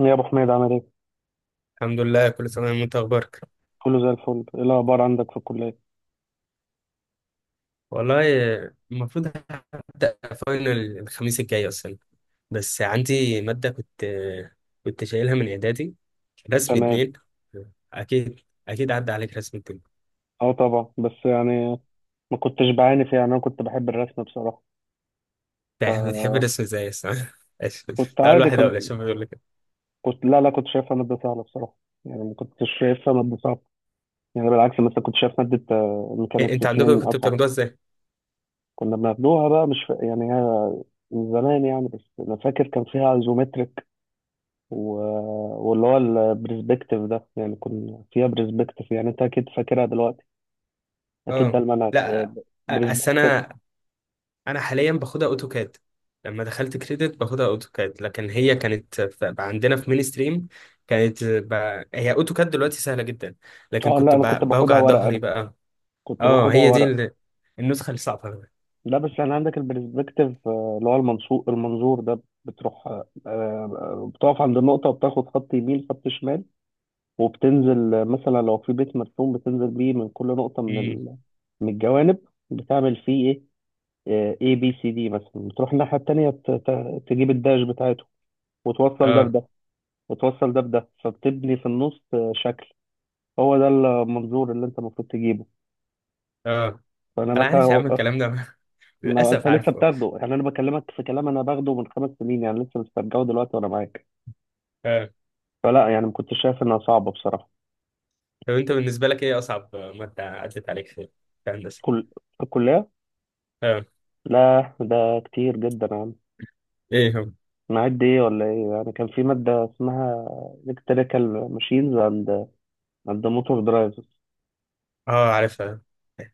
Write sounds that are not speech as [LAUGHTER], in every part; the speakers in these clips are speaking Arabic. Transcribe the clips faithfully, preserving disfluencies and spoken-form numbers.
يا ابو حميد، عامل ايه؟ الحمد لله، كل سنة وانت اخبارك. كله زي الفل. ايه الاخبار عندك في الكليه؟ والله المفروض هبدأ فاينل الخميس الجاي اصلا. بس عندي مادة كنت كنت شايلها من اعدادي، رسم تمام. اتنين. اكيد، اكيد عدى عليك رسم اتنين. اه طبعا، بس يعني ما كنتش بعاني فيها، يعني انا كنت بحب الرسم بصراحه. بتح- بتحب الرسم ازاي اصلا؟ كنت [LAUGHS] تعال عادي، واحد اقول كنت اشوف بيقول لك. كنت لا لا، كنت شايفها ماده سهله بصراحه. يعني ما كنتش شايفها ماده صعبه. يعني بالعكس مثلا كنت شايف ماده آه، ايه ميكانيكس انت اتنين عندكم كنتوا اصعب. بتاخدوها ازاي؟ كنا بناخدوها بقى، مش ف... يعني هي من زمان يعني. بس انا فاكر كان فيها ايزومتريك و... واللي هو البرسبكتيف ده، يعني كنا فيها برسبكتيف. يعني انت اكيد فاكرها دلوقتي، اكيد ده اه، المنهج. لا. أ- برسبكتيف. السنة انا حاليا باخدها اوتوكاد. لما دخلت كريدت باخدها اوتوكاد، لكن هي كانت ف- عندنا في مين ستريم. كانت ب... هي اوتوكاد دلوقتي سهله جدا. لكن اه كنت لا، انا كنت ب... باخدها بوجع ورق ظهري انا، بقى. كنت اه، باخدها هي دي ورق. ال... النسخه الصعبه بقى. لا بس يعني عندك البرسبكتيف آه، اللي هو المنصور المنظور ده، بتروح آه، آه، بتقف عند النقطة وبتاخد خط يمين خط شمال، وبتنزل آه، مثلا لو في بيت مرسوم بتنزل بيه من كل نقطة من امم. ال... من الجوانب. بتعمل فيه ايه اي بي سي دي مثلا، بتروح الناحية التانية ت... ت... تجيب الداش بتاعته وتوصل ده اه. بده. وتوصل ده بده، فبتبني في النص آه، شكل. هو ده المنظور اللي انت المفروض تجيبه. اه، فانا انا مثلا، عارف يا عم الكلام ده. [LAUGHS] ما انت للاسف لسه عارفه. بتاخده. يعني انا بكلمك في كلام انا باخده من خمس سنين، يعني لسه مسترجعه دلوقتي وانا معاك. اه، فلا، يعني ما كنتش شايف انها صعبه بصراحه. طب انت بالنسبه لك ايه اصعب ماده عدت عليك في في هندسه؟ كل في الكليه؟ اه. لا ده كتير جدا يا عم. ايه هم؟ معد ايه ولا ايه؟ يعني كان في ماده اسمها الكتريكال ماشينز اند اند موتور درايفز. اه، عارفها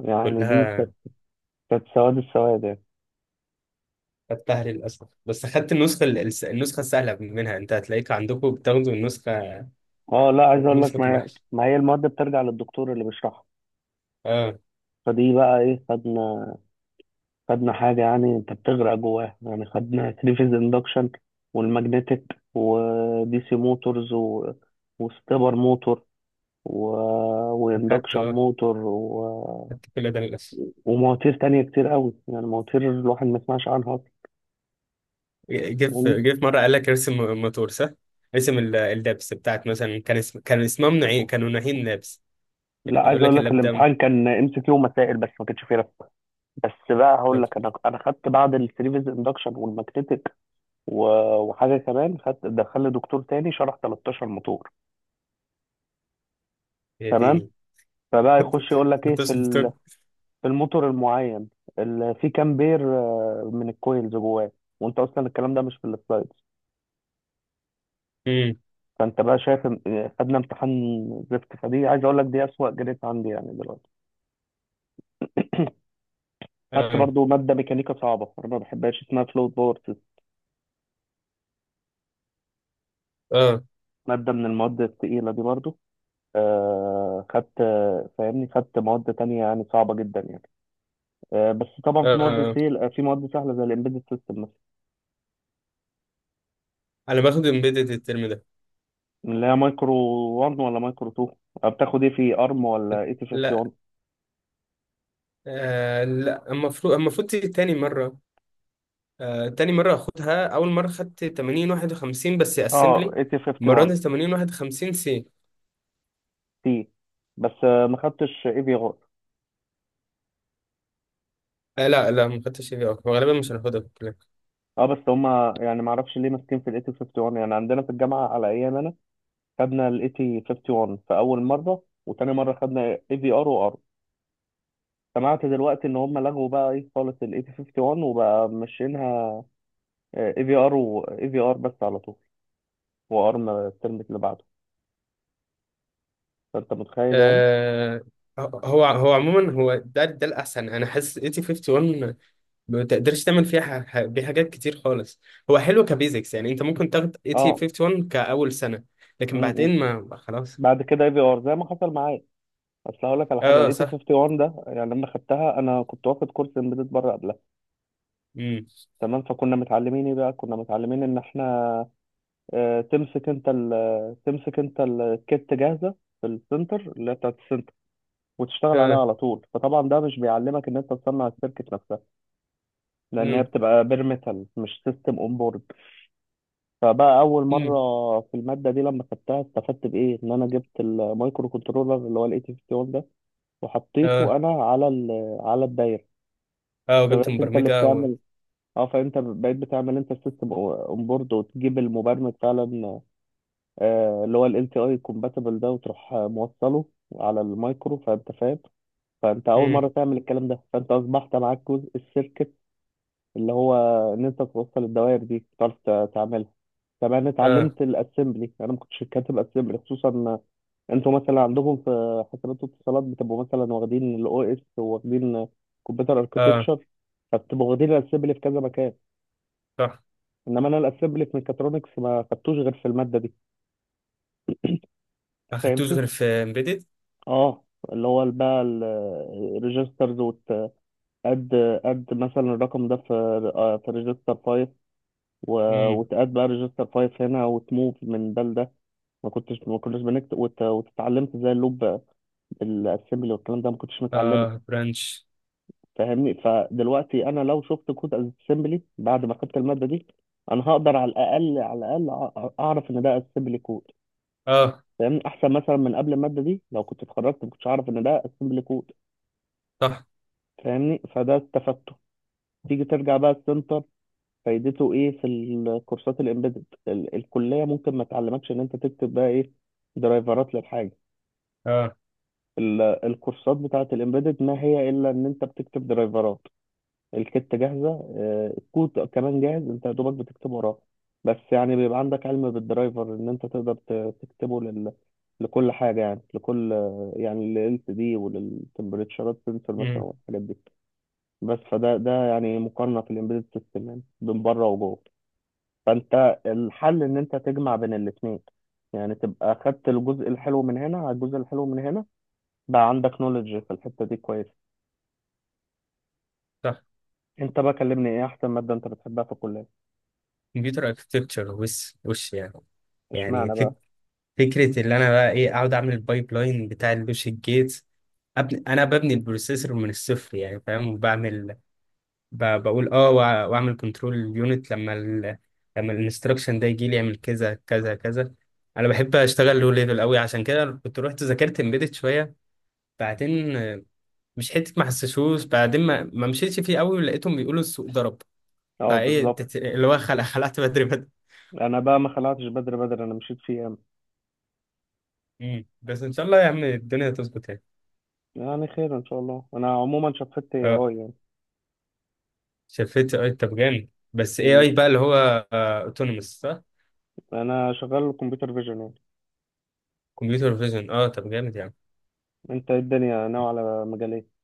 يعني دي كانت، كلها. كانت سواد السواد يعني. خدتها للأسف، بس خدت النسخة الس- النسخة السهلة منها. أنت هتلاقيك عندكم بتاخدوا النسخة اه لا، عايز اقول لك نسخة ما الوحش. ما هي المواد بترجع للدكتور اللي بيشرحها. اه، فدي بقى ايه، خدنا خدنا حاجة، يعني انت بتغرق جواها. يعني خدنا ثري فيز اندكشن والماجنتيك، ودي سي موتورز و... وستبر موتور و... أخدت واندكشن آه، موتور و... أخدت كل ده للأسف. ومواتير تانية كتير قوي. يعني مواتير الواحد ما يسمعش عنها اصلا. جه فاهمني؟ في جه في مرة قال لك ارسم موتور، صح؟ ارسم ال- اللبس بتاعت، مثلا كان اسم كان اسمها منعين، كانوا ناهين لبس. لا، عايز يقول اقول لك لك اللاب دم. الامتحان كان ام سي كيو ومسائل بس، ما كانش فيه رسم. بس بقى هقول طب لك، انا انا خدت بعد الثري فيز اندكشن والماجنتيك و... وحاجه كمان خدت. دخلني دكتور تاني شرح تلتاشر موتور. يا تمام. ديني. فبقى يخش [LAUGHS] يقول لك ايه كنت في ال- شفتك. في الموتور المعين، ال- في كام بير آه، من الكويلز جواه، وانت اصلا الكلام ده مش في السلايدز. امم. فانت بقى شايف، إن- آه، خدنا امتحان زفت. فدي عايز اقول لك دي اسوأ جريد عندي يعني دلوقتي. خدت برضو [LAUGHS] اه. ماده ميكانيكا صعبه انا ما بحبهاش، اسمها فلوت باور سيستم، اه، ماده من المواد الثقيله دي برضو. آه خدت، آه، فاهمني، خدت مواد تانية يعني صعبه جدا يعني. آه بس طبعا في مواد اه، سهل في مواد سهله زي الامبيدد سيستم، انا باخد امبيدد الترم ده. اللي هي مايكرو واحد ولا مايكرو اتنين. بتاخد ايه في ارم ولا اي تي لا. واحد وخمسين؟ آه لا، المفروض المفروض تيجي تاني مرة. آه، تاني مرة أخدها، أول مرة خدت ثمانين واحد وخمسين بس اه أسمبلي. اي تي المرة واحد وخمسين دي ثمانين واحد وخمسين سي. تي. بس آه، ما خدتش اي في ار. آه، لا لا، ما خدتش سي في أو، غالبا مش هناخدها في الكلية. اه، بس هما يعني ما اعرفش ليه ماسكين في الاي تي واحد وخمسين. يعني عندنا في الجامعه على ايام انا خدنا الاي تي واحد وخمسين في اول مره، وتاني مره خدنا اي في ار وار. سمعت دلوقتي ان هم لغوا بقى ايه خالص الاي تي واحد وخمسين، وبقى ماشيينها اي في ار واي في ار بس على طول، وارم الترم اللي بعده. فانت متخيل يعني. آه هو هو عموما هو ده ده الأحسن. أنا حاسس ثمانين واحد وخمسين ما تقدرش تعمل فيها ح- ح- بيه حاجات كتير خالص. هو حلو كبيزكس، يعني أنت ممكن تاخد اه، ثمانين واحد وخمسين كأول سنة، لكن بعدين ما خلاص. بعد كده اي في ار، زي ما حصل معايا. اصل هقول لك على حاجه. أه، الاي تي صح. واحد وخمسين ده، يعني لما خدتها انا كنت واخد كورس امبيدد بره قبلها. مم. تمام. فكنا متعلمين ايه بقى؟ كنا متعلمين ان احنا آه، تمسك انت ال- تمسك انت الكيت جاهزه في السنتر، اللي هي بتاعت السنتر، وتشتغل عليها أه. على طول. فطبعا ده مش بيعلمك ان انت تصنع السيركت نفسها، لان هي مم. بتبقى بير ميتال مش سيستم اون بورد. فبقى اول مره مم. في الماده دي لما خدتها استفدت بايه؟ ان انا جبت المايكرو كنترولر اللي هو الاي تي واحد وخمسين، وحطيته أه. انا على ال... على الدايره. أه، وجبت فبقيت انت اللي مبرمجة و... بتعمل. اه، فانت بقيت بتعمل انت السيستم اون بورد، وتجيب المبرمج فعلا آه، اللي هو ال إل تي آي compatible ده، وتروح آه، موصله على المايكرو. فانت فاهم. فانت اول مم. مره تعمل الكلام ده، فانت اصبحت معاك جزء السيركت، اللي هو ان انت توصل الدوائر دي، تعرف ت- تعملها. طب انا أه. اتعلمت الاسمبلي، انا ما كنتش كاتب اسمبلي خصوصا. انتوا مثلا عندكم في حسابات واتصالات بتبقوا مثلا واخدين الاو اس، وواخدين كمبيوتر أه، اركتكتشر، فبتبقوا واخدين الاسمبلي في كذا مكان. صح. انما انا الاسمبلي في ميكاترونكس ما خدتوش غير في الماده دي. ما خدتوش فاهمني. غير في امبيدد. اه، اللي هو بقى الريجسترز، وتقد قد مثلا الرقم ده في آه، في ريجستر خمسة، و- امم. وتقد بقى ريجستر خمسة هنا، وتموف من ده لده. ما كنتش ما كناش بنكتب، وت- وتتعلمت ازاي اللوب. الاسمبلي والكلام ده ما كنتش متعلمه. اه، برانش. فاهمني. فدلوقتي انا لو شفت كود اسمبلي بعد ما خدت الماده دي، انا هقدر على الاقل، على الاقل أع- اعرف ان ده اسمبلي كود. اه، فاهمني، احسن مثلا من قبل الماده دي لو كنت اتخرجت ما كنتش اعرف ان ده اسمبلي كود. صح. فاهمني. فده استفدته. تيجي ترجع بقى السنتر، فايدته ايه في الكورسات الامبيدد؟ ال- الكليه ممكن ما تعلمكش ان انت تكتب بقى ايه درايفرات للحاجه. اه. ال- الكورسات بتاعه الامبيدد ما هي الا ان انت بتكتب درايفرات. الكتة جاهزة، آه، الكود كمان جاهز، انت يا دوبك بتكتب وراه. بس يعني بيبقى عندك علم بالدرايفر ان انت تقدر ت- تكتبه لل... لكل حاجة. يعني لكل، يعني لل إل سي دي وللتمبريتشرات سنسور مثلا امم. والحاجات دي. بس فده ده يعني مقارنة في الامبيدد سيستم، يعني بين بره وجوه. فانت الحل ان انت تجمع بين الاثنين، يعني تبقى خدت الجزء الحلو من هنا على الجزء الحلو من هنا، بقى عندك نولج في الحتة دي كويس. صح. انت بقى كلمني، ايه احسن مادة انت بتحبها في الكلية؟ كمبيوتر اركتكتشر. وش وش يعني؟ يعني اشمعنى فك... بقى؟ فكره اللي انا بقى ايه، اقعد اعمل البايب لاين بتاع اللوجيك جيت. أبني... انا ببني البروسيسور من الصفر، يعني فاهم، وبعمل ب... بقول اه وأ- واعمل كنترول يونت لما ال... لما الانستركشن ده يجي لي يعمل كذا كذا كذا. انا بحب اشتغل لو ليفل قوي، عشان كده كنت رحت ذاكرت امبيدد شويه. بعدين، مش حته ما حسسوش بعدين، ما, ما مشيتش فيه قوي، ولقيتهم بيقولوا السوق ضرب. اه فايه بالظبط. تت- اللي هو خلع خلعت بدري بدري. انا بقى ما خلعتش بدري بدري، انا مشيت في ايام. مم. بس ان شاء الله يا عم الدنيا تظبط يعني. يعني خير ان شاء الله. انا عموما شفت اي اه، اي يعني. شفت اي طب جامد، بس اي مم. اي بقى، اللي هو اوتونوموس صح. انا شغال كمبيوتر فيجن يعني. كمبيوتر فيجن، اه، طب جامد يعني. انت إيه الدنيا ناوي على مجال ايه؟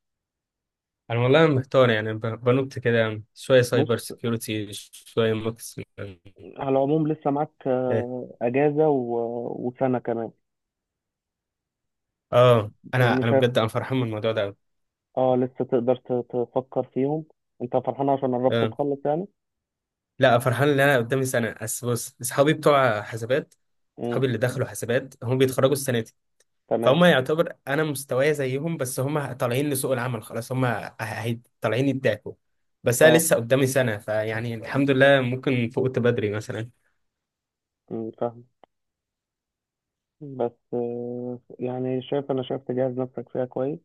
انا والله محتار يعني، ب- بنط كده يعني، شويه بص، سايبر سكيورتي شويه مكس. على العموم لسه معاك اه. آه، اجازه و... وسنه كمان. آه، انا لان انا شايف بجد انا فرحان من الموضوع ده أوي. اه لسه تقدر ت- تفكر فيهم. انت فرحان عشان قربت آه. تخلص يعني. لا، فرحان ان انا قدامي سنه بس. بص، اصحابي بتوع حسابات، امم. اصحابي اللي دخلوا حسابات هم بيتخرجوا السنه دي. تمام. فهم يعتبر انا مستواي زيهم، بس هم طالعين لسوق العمل خلاص، هم ه- هي- طالعين يدعكوا. بس انا اه، لسه قدامي سنه، فيعني الحمد لله ممكن فقت بدري مثلا. مم، فاهم. بس آه، يعني شايف، انا شايف تجهز نفسك فيها كويس،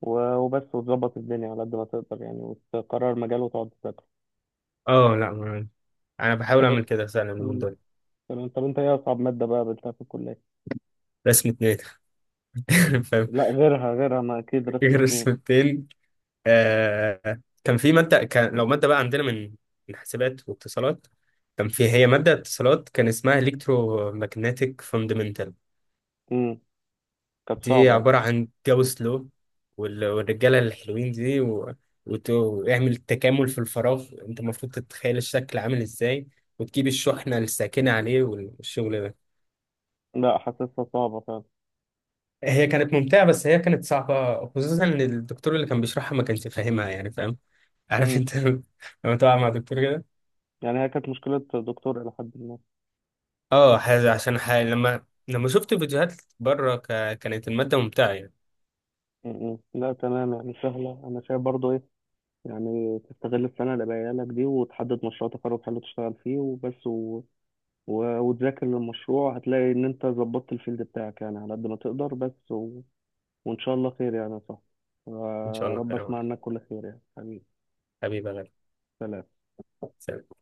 و- وبس، وتظبط الدنيا على قد ما تقدر يعني، وتقرر مجال وتقعد تذاكر. اه. لا، ما- انا بحاول طب. اعمل كده فعلا من مم. دول. تمام. طب انت ايه اصعب ماده بقى قابلتها في الكليه؟ رسمة اتنين. [LAUGHS] فاهم. لا غيرها، غيرها، ما اكيد رسم اتنين. رسمتين. آه، كان في مادة كان لو مادة بقى عندنا من من حاسبات واتصالات. كان في، هي مادة اتصالات كان اسمها ماجنتيك فاندمنتال. امم. كانت دي صعبه يعني. عبارة عن جاوس لو، وال- والرجالة الحلوين دي، و... وت... واعمل تكامل في الفراغ، انت المفروض تتخيل الشكل عامل ازاي، وتجيب الشحنة الساكنة عليه والشغل ده. لا حاسسها صعبه فعلا. هي كانت ممتعة، بس هي كانت صعبة، خصوصا ان الدكتور اللي كان بيشرحها ما كانش فاهمها، يعني فاهم، عارف امم. انت. [LAUGHS] لما تقع مع دكتور كده. يعني هي كانت مشكله دكتور الى حد ما. اه، ح- عشان ح... لما لما شفت فيديوهات بره ك... كانت المادة ممتعة يعني. امم. لا تمام، يعني سهله. انا شايف برضو ايه يعني، تستغل السنه اللي باقيه لك دي، وتحدد مشروع تخرج حلو تشتغل فيه وبس و... و... وتذاكر للمشروع. هتلاقي ان انت ظبطت الفيلد بتاعك يعني على قد ما تقدر بس و... وإن شاء الله خير يعني يا صاحبي. ان شاء الله ورب خير يا أسمع عمر. عنك كل خير يعني حبيبي. حبيبي يا غالي. سلام. سلام.